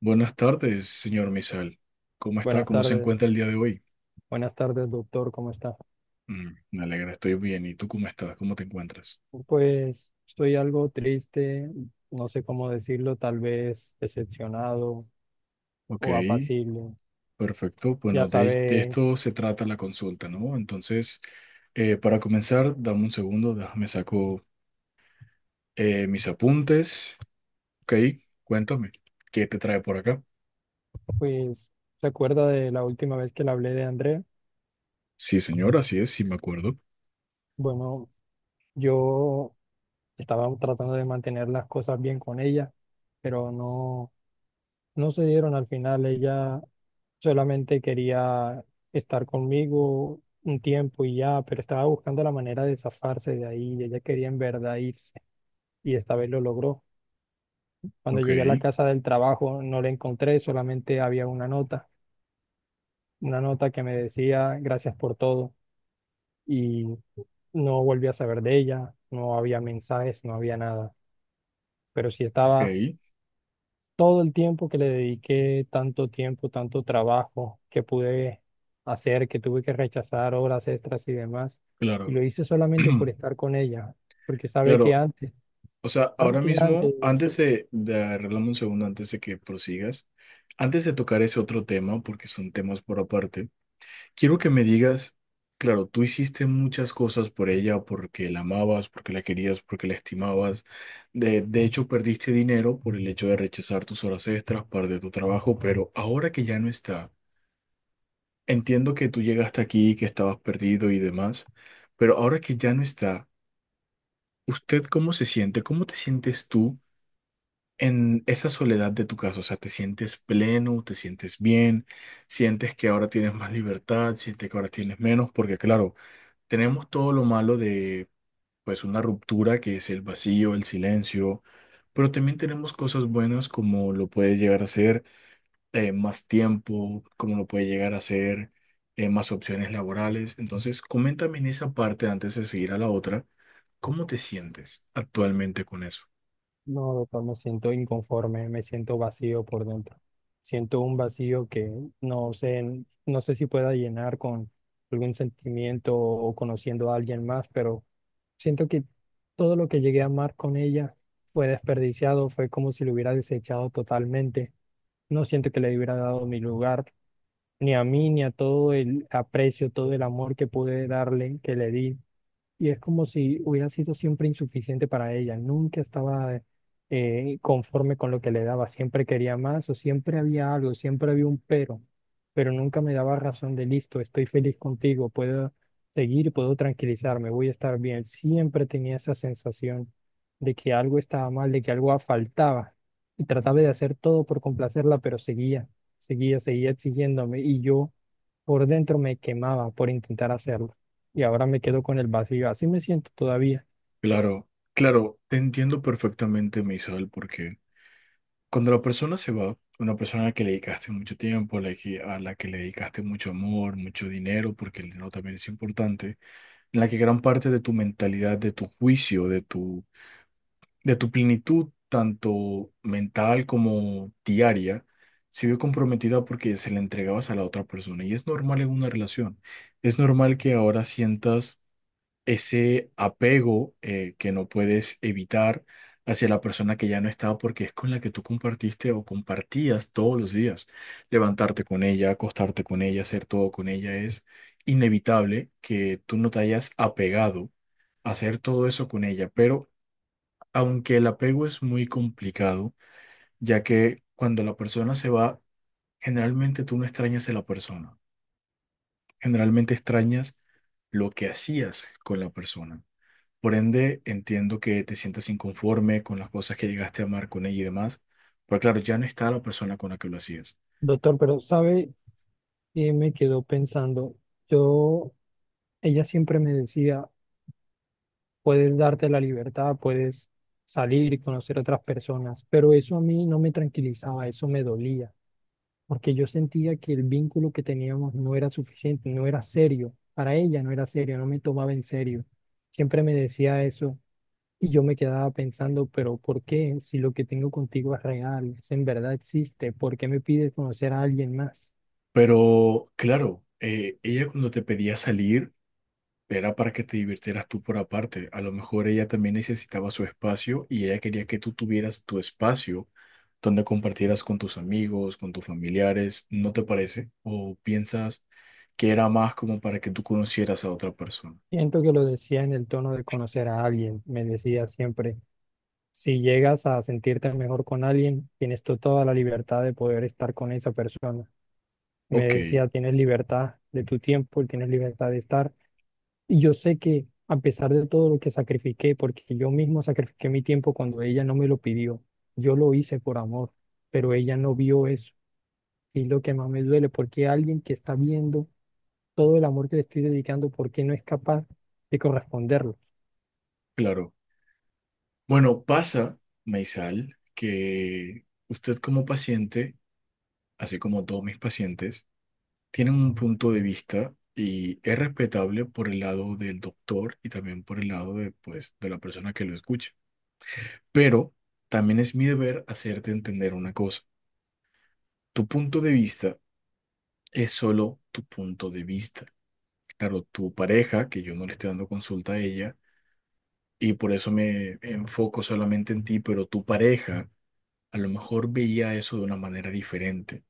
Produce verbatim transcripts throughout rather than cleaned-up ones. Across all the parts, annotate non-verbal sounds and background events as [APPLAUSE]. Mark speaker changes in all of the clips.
Speaker 1: Buenas tardes, señor Misal. ¿Cómo está?
Speaker 2: Buenas
Speaker 1: ¿Cómo se
Speaker 2: tardes,
Speaker 1: encuentra el día de hoy?
Speaker 2: buenas tardes, doctor, ¿cómo está?
Speaker 1: Mm, me alegra, estoy bien. ¿Y tú cómo estás? ¿Cómo te encuentras?
Speaker 2: Pues estoy algo triste, no sé cómo decirlo, tal vez decepcionado
Speaker 1: Ok,
Speaker 2: o apacible.
Speaker 1: perfecto.
Speaker 2: Ya
Speaker 1: Bueno, de, de
Speaker 2: sabe,
Speaker 1: esto se trata la consulta, ¿no? Entonces, eh, para comenzar, dame un segundo, déjame saco eh, mis apuntes. Ok, cuéntame, ¿qué te trae por acá?
Speaker 2: pues, ¿se acuerda de la última vez que le hablé de André?
Speaker 1: Sí, señor, así es, sí me acuerdo.
Speaker 2: Bueno, yo estaba tratando de mantener las cosas bien con ella, pero no, no se dieron al final. Ella solamente quería estar conmigo un tiempo y ya, pero estaba buscando la manera de zafarse de ahí y ella quería en verdad irse y esta vez lo logró. Cuando
Speaker 1: Ok,
Speaker 2: llegué a la casa del trabajo no la encontré, solamente había una nota, una nota que me decía gracias por todo y no volví a saber de ella, no había mensajes, no había nada, pero sí estaba
Speaker 1: ok,
Speaker 2: todo el tiempo que le dediqué, tanto tiempo, tanto trabajo que pude hacer, que tuve que rechazar horas extras y demás. Y
Speaker 1: claro.
Speaker 2: lo hice solamente por
Speaker 1: [CLEARS THROAT]
Speaker 2: estar con ella, porque sabe que
Speaker 1: Claro,
Speaker 2: antes,
Speaker 1: o sea,
Speaker 2: sabe
Speaker 1: ahora
Speaker 2: que antes
Speaker 1: mismo, antes de, de arreglarme un segundo, antes de que prosigas, antes de tocar ese otro tema, porque son temas por aparte, quiero que me digas, claro, tú hiciste muchas cosas por ella, porque la amabas, porque la querías, porque la estimabas. De, de hecho, perdiste dinero por el hecho de rechazar tus horas extras, parte de tu trabajo, pero ahora que ya no está, entiendo que tú llegaste aquí, que estabas perdido y demás, pero ahora que ya no está, ¿usted cómo se siente? ¿Cómo te sientes tú en esa soledad de tu casa? O sea, ¿te sientes pleno, te sientes bien, sientes que ahora tienes más libertad, sientes que ahora tienes menos? Porque claro, tenemos todo lo malo de, pues, una ruptura, que es el vacío, el silencio, pero también tenemos cosas buenas como lo puede llegar a ser eh, más tiempo, como lo puede llegar a ser eh, más opciones laborales. Entonces, coméntame en esa parte antes de seguir a la otra, ¿cómo te sientes actualmente con eso?
Speaker 2: No, doctor, me siento inconforme, me siento vacío por dentro. Siento un vacío que no sé, no sé si pueda llenar con algún sentimiento o conociendo a alguien más, pero siento que todo lo que llegué a amar con ella fue desperdiciado, fue como si lo hubiera desechado totalmente. No siento que le hubiera dado mi lugar, ni a mí, ni a todo el aprecio, todo el amor que pude darle, que le di y es como si hubiera sido siempre insuficiente para ella, nunca estaba eh, conforme con lo que le daba, siempre quería más o siempre había algo, siempre había un pero, pero nunca me daba razón de listo, estoy feliz contigo, puedo seguir, puedo tranquilizarme, voy a estar bien. Siempre tenía esa sensación de que algo estaba mal, de que algo faltaba y trataba de hacer todo por complacerla, pero seguía, seguía, seguía exigiéndome y yo por dentro me quemaba por intentar hacerlo y ahora me quedo con el vacío. Así me siento todavía.
Speaker 1: Claro, claro, te entiendo perfectamente, Misael, porque cuando la persona se va, una persona a la que le dedicaste mucho tiempo, a la que, a la que le dedicaste mucho amor, mucho dinero, porque el dinero también es importante, en la que gran parte de tu mentalidad, de tu juicio, de tu, de tu plenitud, tanto mental como diaria, se vio comprometida porque se la entregabas a la otra persona. Y es normal en una relación. Es normal que ahora sientas ese apego, eh, que no puedes evitar hacia la persona que ya no está, porque es con la que tú compartiste o compartías todos los días. Levantarte con ella, acostarte con ella, hacer todo con ella. Es inevitable que tú no te hayas apegado a hacer todo eso con ella, pero aunque el apego es muy complicado, ya que cuando la persona se va, generalmente tú no extrañas a la persona, generalmente extrañas lo que hacías con la persona. Por ende, entiendo que te sientas inconforme con las cosas que llegaste a amar con ella y demás, pero claro, ya no está la persona con la que lo hacías.
Speaker 2: Doctor, pero sabe, Eh, me quedo pensando, yo, ella siempre me decía, puedes darte la libertad, puedes salir y conocer otras personas, pero eso a mí no me tranquilizaba, eso me dolía, porque yo sentía que el vínculo que teníamos no era suficiente, no era serio, para ella no era serio, no me tomaba en serio. Siempre me decía eso. Y yo me quedaba pensando, pero ¿por qué? Si lo que tengo contigo es real, si en verdad existe, ¿por qué me pides conocer a alguien más?
Speaker 1: Pero claro, eh, ella cuando te pedía salir era para que te divirtieras tú por aparte. A lo mejor ella también necesitaba su espacio y ella quería que tú tuvieras tu espacio donde compartieras con tus amigos, con tus familiares, ¿no te parece? ¿O piensas que era más como para que tú conocieras a otra persona?
Speaker 2: Siento que lo decía en el tono de conocer a alguien. Me decía siempre, si llegas a sentirte mejor con alguien, tienes tú toda la libertad de poder estar con esa persona. Me
Speaker 1: Ok,
Speaker 2: decía, tienes libertad de tu tiempo, tienes libertad de estar. Y yo sé que a pesar de todo lo que sacrifiqué, porque yo mismo sacrifiqué mi tiempo cuando ella no me lo pidió, yo lo hice por amor, pero ella no vio eso. Y lo que más me duele, porque alguien que está viendo todo el amor que le estoy dedicando, ¿por qué no es capaz de corresponderlo?
Speaker 1: claro. Bueno, pasa, Maisal, que usted como paciente, así como todos mis pacientes, tienen un punto de vista y es respetable por el lado del doctor y también por el lado de, pues, de la persona que lo escucha. Pero también es mi deber hacerte entender una cosa. Tu punto de vista es solo tu punto de vista. Claro, tu pareja, que yo no le estoy dando consulta a ella, y por eso me enfoco solamente en ti, pero tu pareja a lo mejor veía eso de una manera diferente.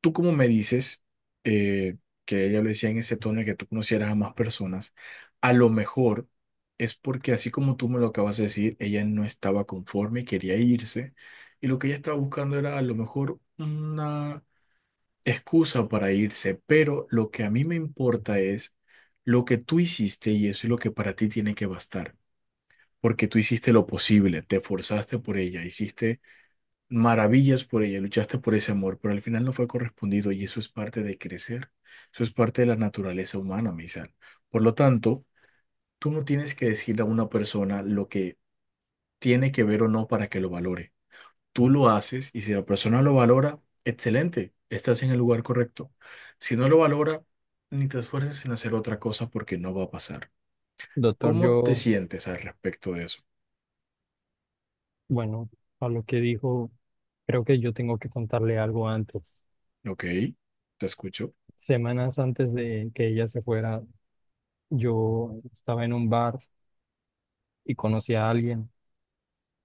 Speaker 1: Tú como me dices, eh, que ella lo decía en ese tono de que tú conocieras a más personas, a lo mejor es porque así como tú me lo acabas de decir, ella no estaba conforme y quería irse, y lo que ella estaba buscando era a lo mejor una excusa para irse, pero lo que a mí me importa es lo que tú hiciste y eso es lo que para ti tiene que bastar. Porque tú hiciste lo posible, te esforzaste por ella, hiciste maravillas por ella, luchaste por ese amor, pero al final no fue correspondido y eso es parte de crecer, eso es parte de la naturaleza humana, Misal. Por lo tanto, tú no tienes que decirle a una persona lo que tiene que ver o no para que lo valore. Tú lo haces y si la persona lo valora, excelente, estás en el lugar correcto. Si no lo valora, ni te esfuerces en hacer otra cosa porque no va a pasar.
Speaker 2: Doctor,
Speaker 1: ¿Cómo te
Speaker 2: yo,
Speaker 1: sientes al respecto de eso?
Speaker 2: bueno, a lo que dijo, creo que yo tengo que contarle algo antes.
Speaker 1: Ok, te escucho.
Speaker 2: Semanas antes de que ella se fuera, yo estaba en un bar y conocí a alguien.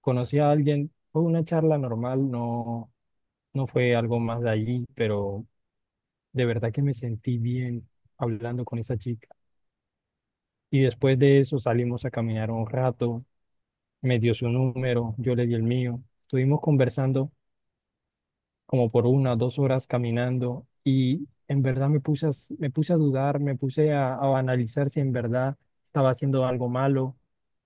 Speaker 2: Conocí a alguien, fue una charla normal, no, no fue algo más de allí, pero de verdad que me sentí bien hablando con esa chica. Y después de eso salimos a caminar un rato, me dio su número, yo le di el mío. Estuvimos conversando como por una o dos horas caminando y en verdad me puse a, s- me puse a dudar, me puse a, a analizar si en verdad estaba haciendo algo malo,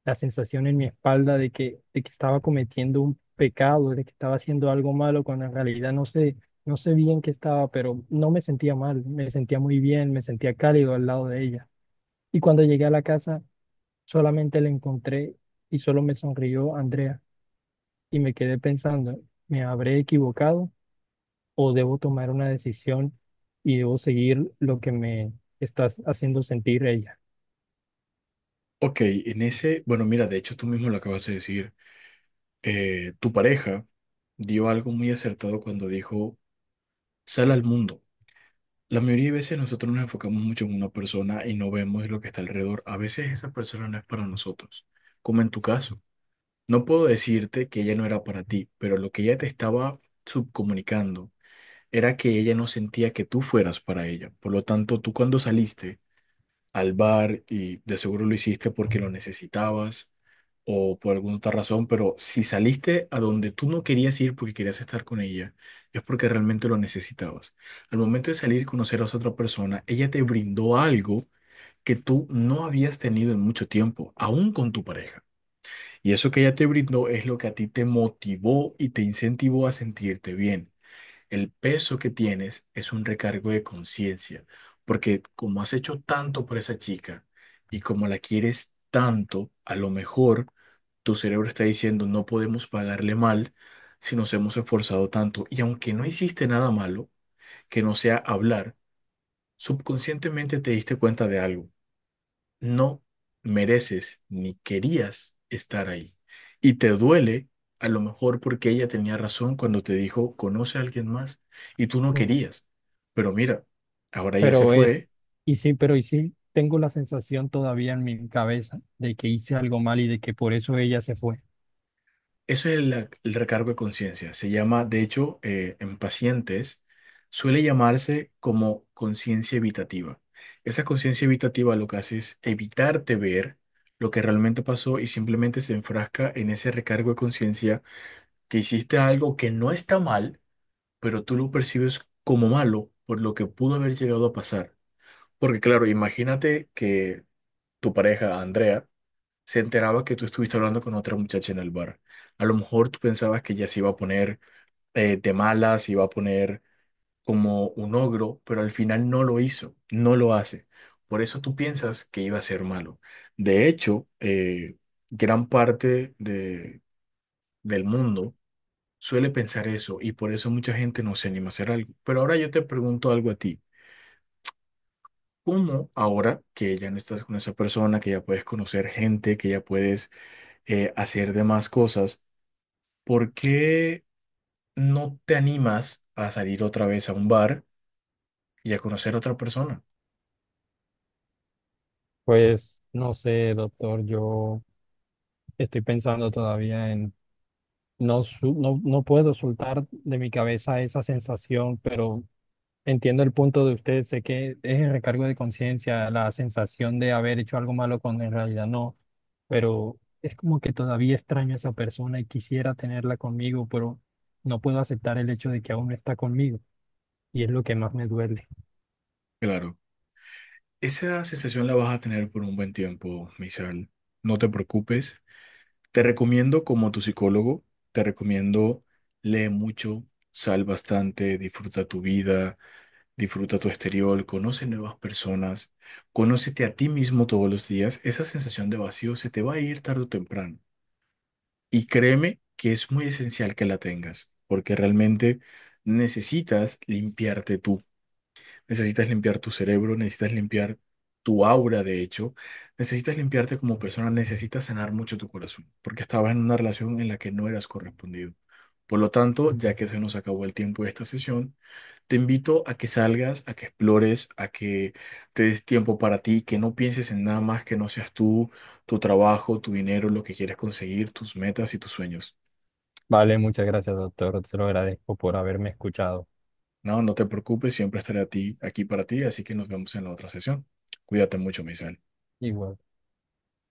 Speaker 2: la sensación en mi espalda de que, de que estaba cometiendo un pecado, de que estaba haciendo algo malo, cuando en realidad no sé, no sé bien qué estaba, pero no me sentía mal, me sentía muy bien, me sentía cálido al lado de ella. Y cuando llegué a la casa, solamente la encontré y solo me sonrió Andrea y me quedé pensando, ¿me habré equivocado o debo tomar una decisión y debo seguir lo que me está haciendo sentir ella?
Speaker 1: Ok, en ese, bueno, mira, de hecho tú mismo lo acabas de decir. Eh, tu pareja dio algo muy acertado cuando dijo, sal al mundo. La mayoría de veces nosotros nos enfocamos mucho en una persona y no vemos lo que está alrededor. A veces esa persona no es para nosotros, como en tu caso. No puedo decirte que ella no era para ti, pero lo que ella te estaba subcomunicando era que ella no sentía que tú fueras para ella. Por lo tanto, tú cuando saliste, al bar, y de seguro lo hiciste porque lo necesitabas o por alguna otra razón, pero si saliste a donde tú no querías ir porque querías estar con ella, es porque realmente lo necesitabas. Al momento de salir y conocer a esa otra persona, ella te brindó algo que tú no habías tenido en mucho tiempo, aún con tu pareja. Y eso que ella te brindó es lo que a ti te motivó y te incentivó a sentirte bien. El peso que tienes es un recargo de conciencia, porque como has hecho tanto por esa chica y como la quieres tanto, a lo mejor tu cerebro está diciendo no podemos pagarle mal si nos hemos esforzado tanto. Y aunque no hiciste nada malo, que no sea hablar, subconscientemente te diste cuenta de algo: no mereces ni querías estar ahí. Y te duele a lo mejor porque ella tenía razón cuando te dijo, conoce a alguien más, y tú no
Speaker 2: Mm.
Speaker 1: querías. Pero mira, ahora ella se
Speaker 2: Pero es,
Speaker 1: fue.
Speaker 2: y sí, pero y sí, tengo la sensación todavía en mi cabeza de que hice algo mal y de que por eso ella se fue.
Speaker 1: Eso es el, el recargo de conciencia. Se llama, de hecho, eh, en pacientes, suele llamarse como conciencia evitativa. Esa conciencia evitativa lo que hace es evitarte ver lo que realmente pasó y simplemente se enfrasca en ese recargo de conciencia, que hiciste algo que no está mal, pero tú lo percibes como malo por lo que pudo haber llegado a pasar. Porque claro, imagínate que tu pareja, Andrea, se enteraba que tú estuviste hablando con otra muchacha en el bar. A lo mejor tú pensabas que ella se iba a poner, eh, de malas, se iba a poner como un ogro, pero al final no lo hizo, no lo hace. Por eso tú piensas que iba a ser malo. De hecho, eh, gran parte de, del mundo suele pensar eso y por eso mucha gente no se anima a hacer algo. Pero ahora yo te pregunto algo a ti. ¿Cómo ahora que ya no estás con esa persona, que ya puedes conocer gente, que ya puedes, eh, hacer demás cosas, por qué no te animas a salir otra vez a un bar y a conocer a otra persona?
Speaker 2: Pues no sé, doctor, yo estoy pensando todavía en, no, su- no, no puedo soltar de mi cabeza esa sensación, pero... Entiendo el punto de usted, sé que es el recargo de conciencia, la sensación de haber hecho algo malo cuando en realidad no, pero es como que todavía extraño a esa persona y quisiera tenerla conmigo, pero no puedo aceptar el hecho de que aún no está conmigo y es lo que más me duele.
Speaker 1: Claro, esa sensación la vas a tener por un buen tiempo, Misael. No te preocupes. Te recomiendo como tu psicólogo, te recomiendo lee mucho, sal bastante, disfruta tu vida. Disfruta tu exterior, conoce nuevas personas, conócete a ti mismo todos los días. Esa sensación de vacío se te va a ir tarde o temprano. Y créeme que es muy esencial que la tengas, porque realmente necesitas limpiarte tú. Necesitas limpiar tu cerebro, necesitas limpiar tu aura, de hecho, necesitas limpiarte como persona, necesitas sanar mucho tu corazón, porque estabas en una relación en la que no eras correspondido. Por lo tanto, ya que se nos acabó el tiempo de esta sesión, te invito a que salgas, a que explores, a que te des tiempo para ti, que no pienses en nada más que no seas tú, tu trabajo, tu dinero, lo que quieres conseguir, tus metas y tus sueños.
Speaker 2: Vale, muchas gracias, doctor, te lo agradezco por haberme escuchado.
Speaker 1: No, no te preocupes, siempre estaré a ti, aquí para ti, así que nos vemos en la otra sesión. Cuídate mucho, Misael.
Speaker 2: Igual.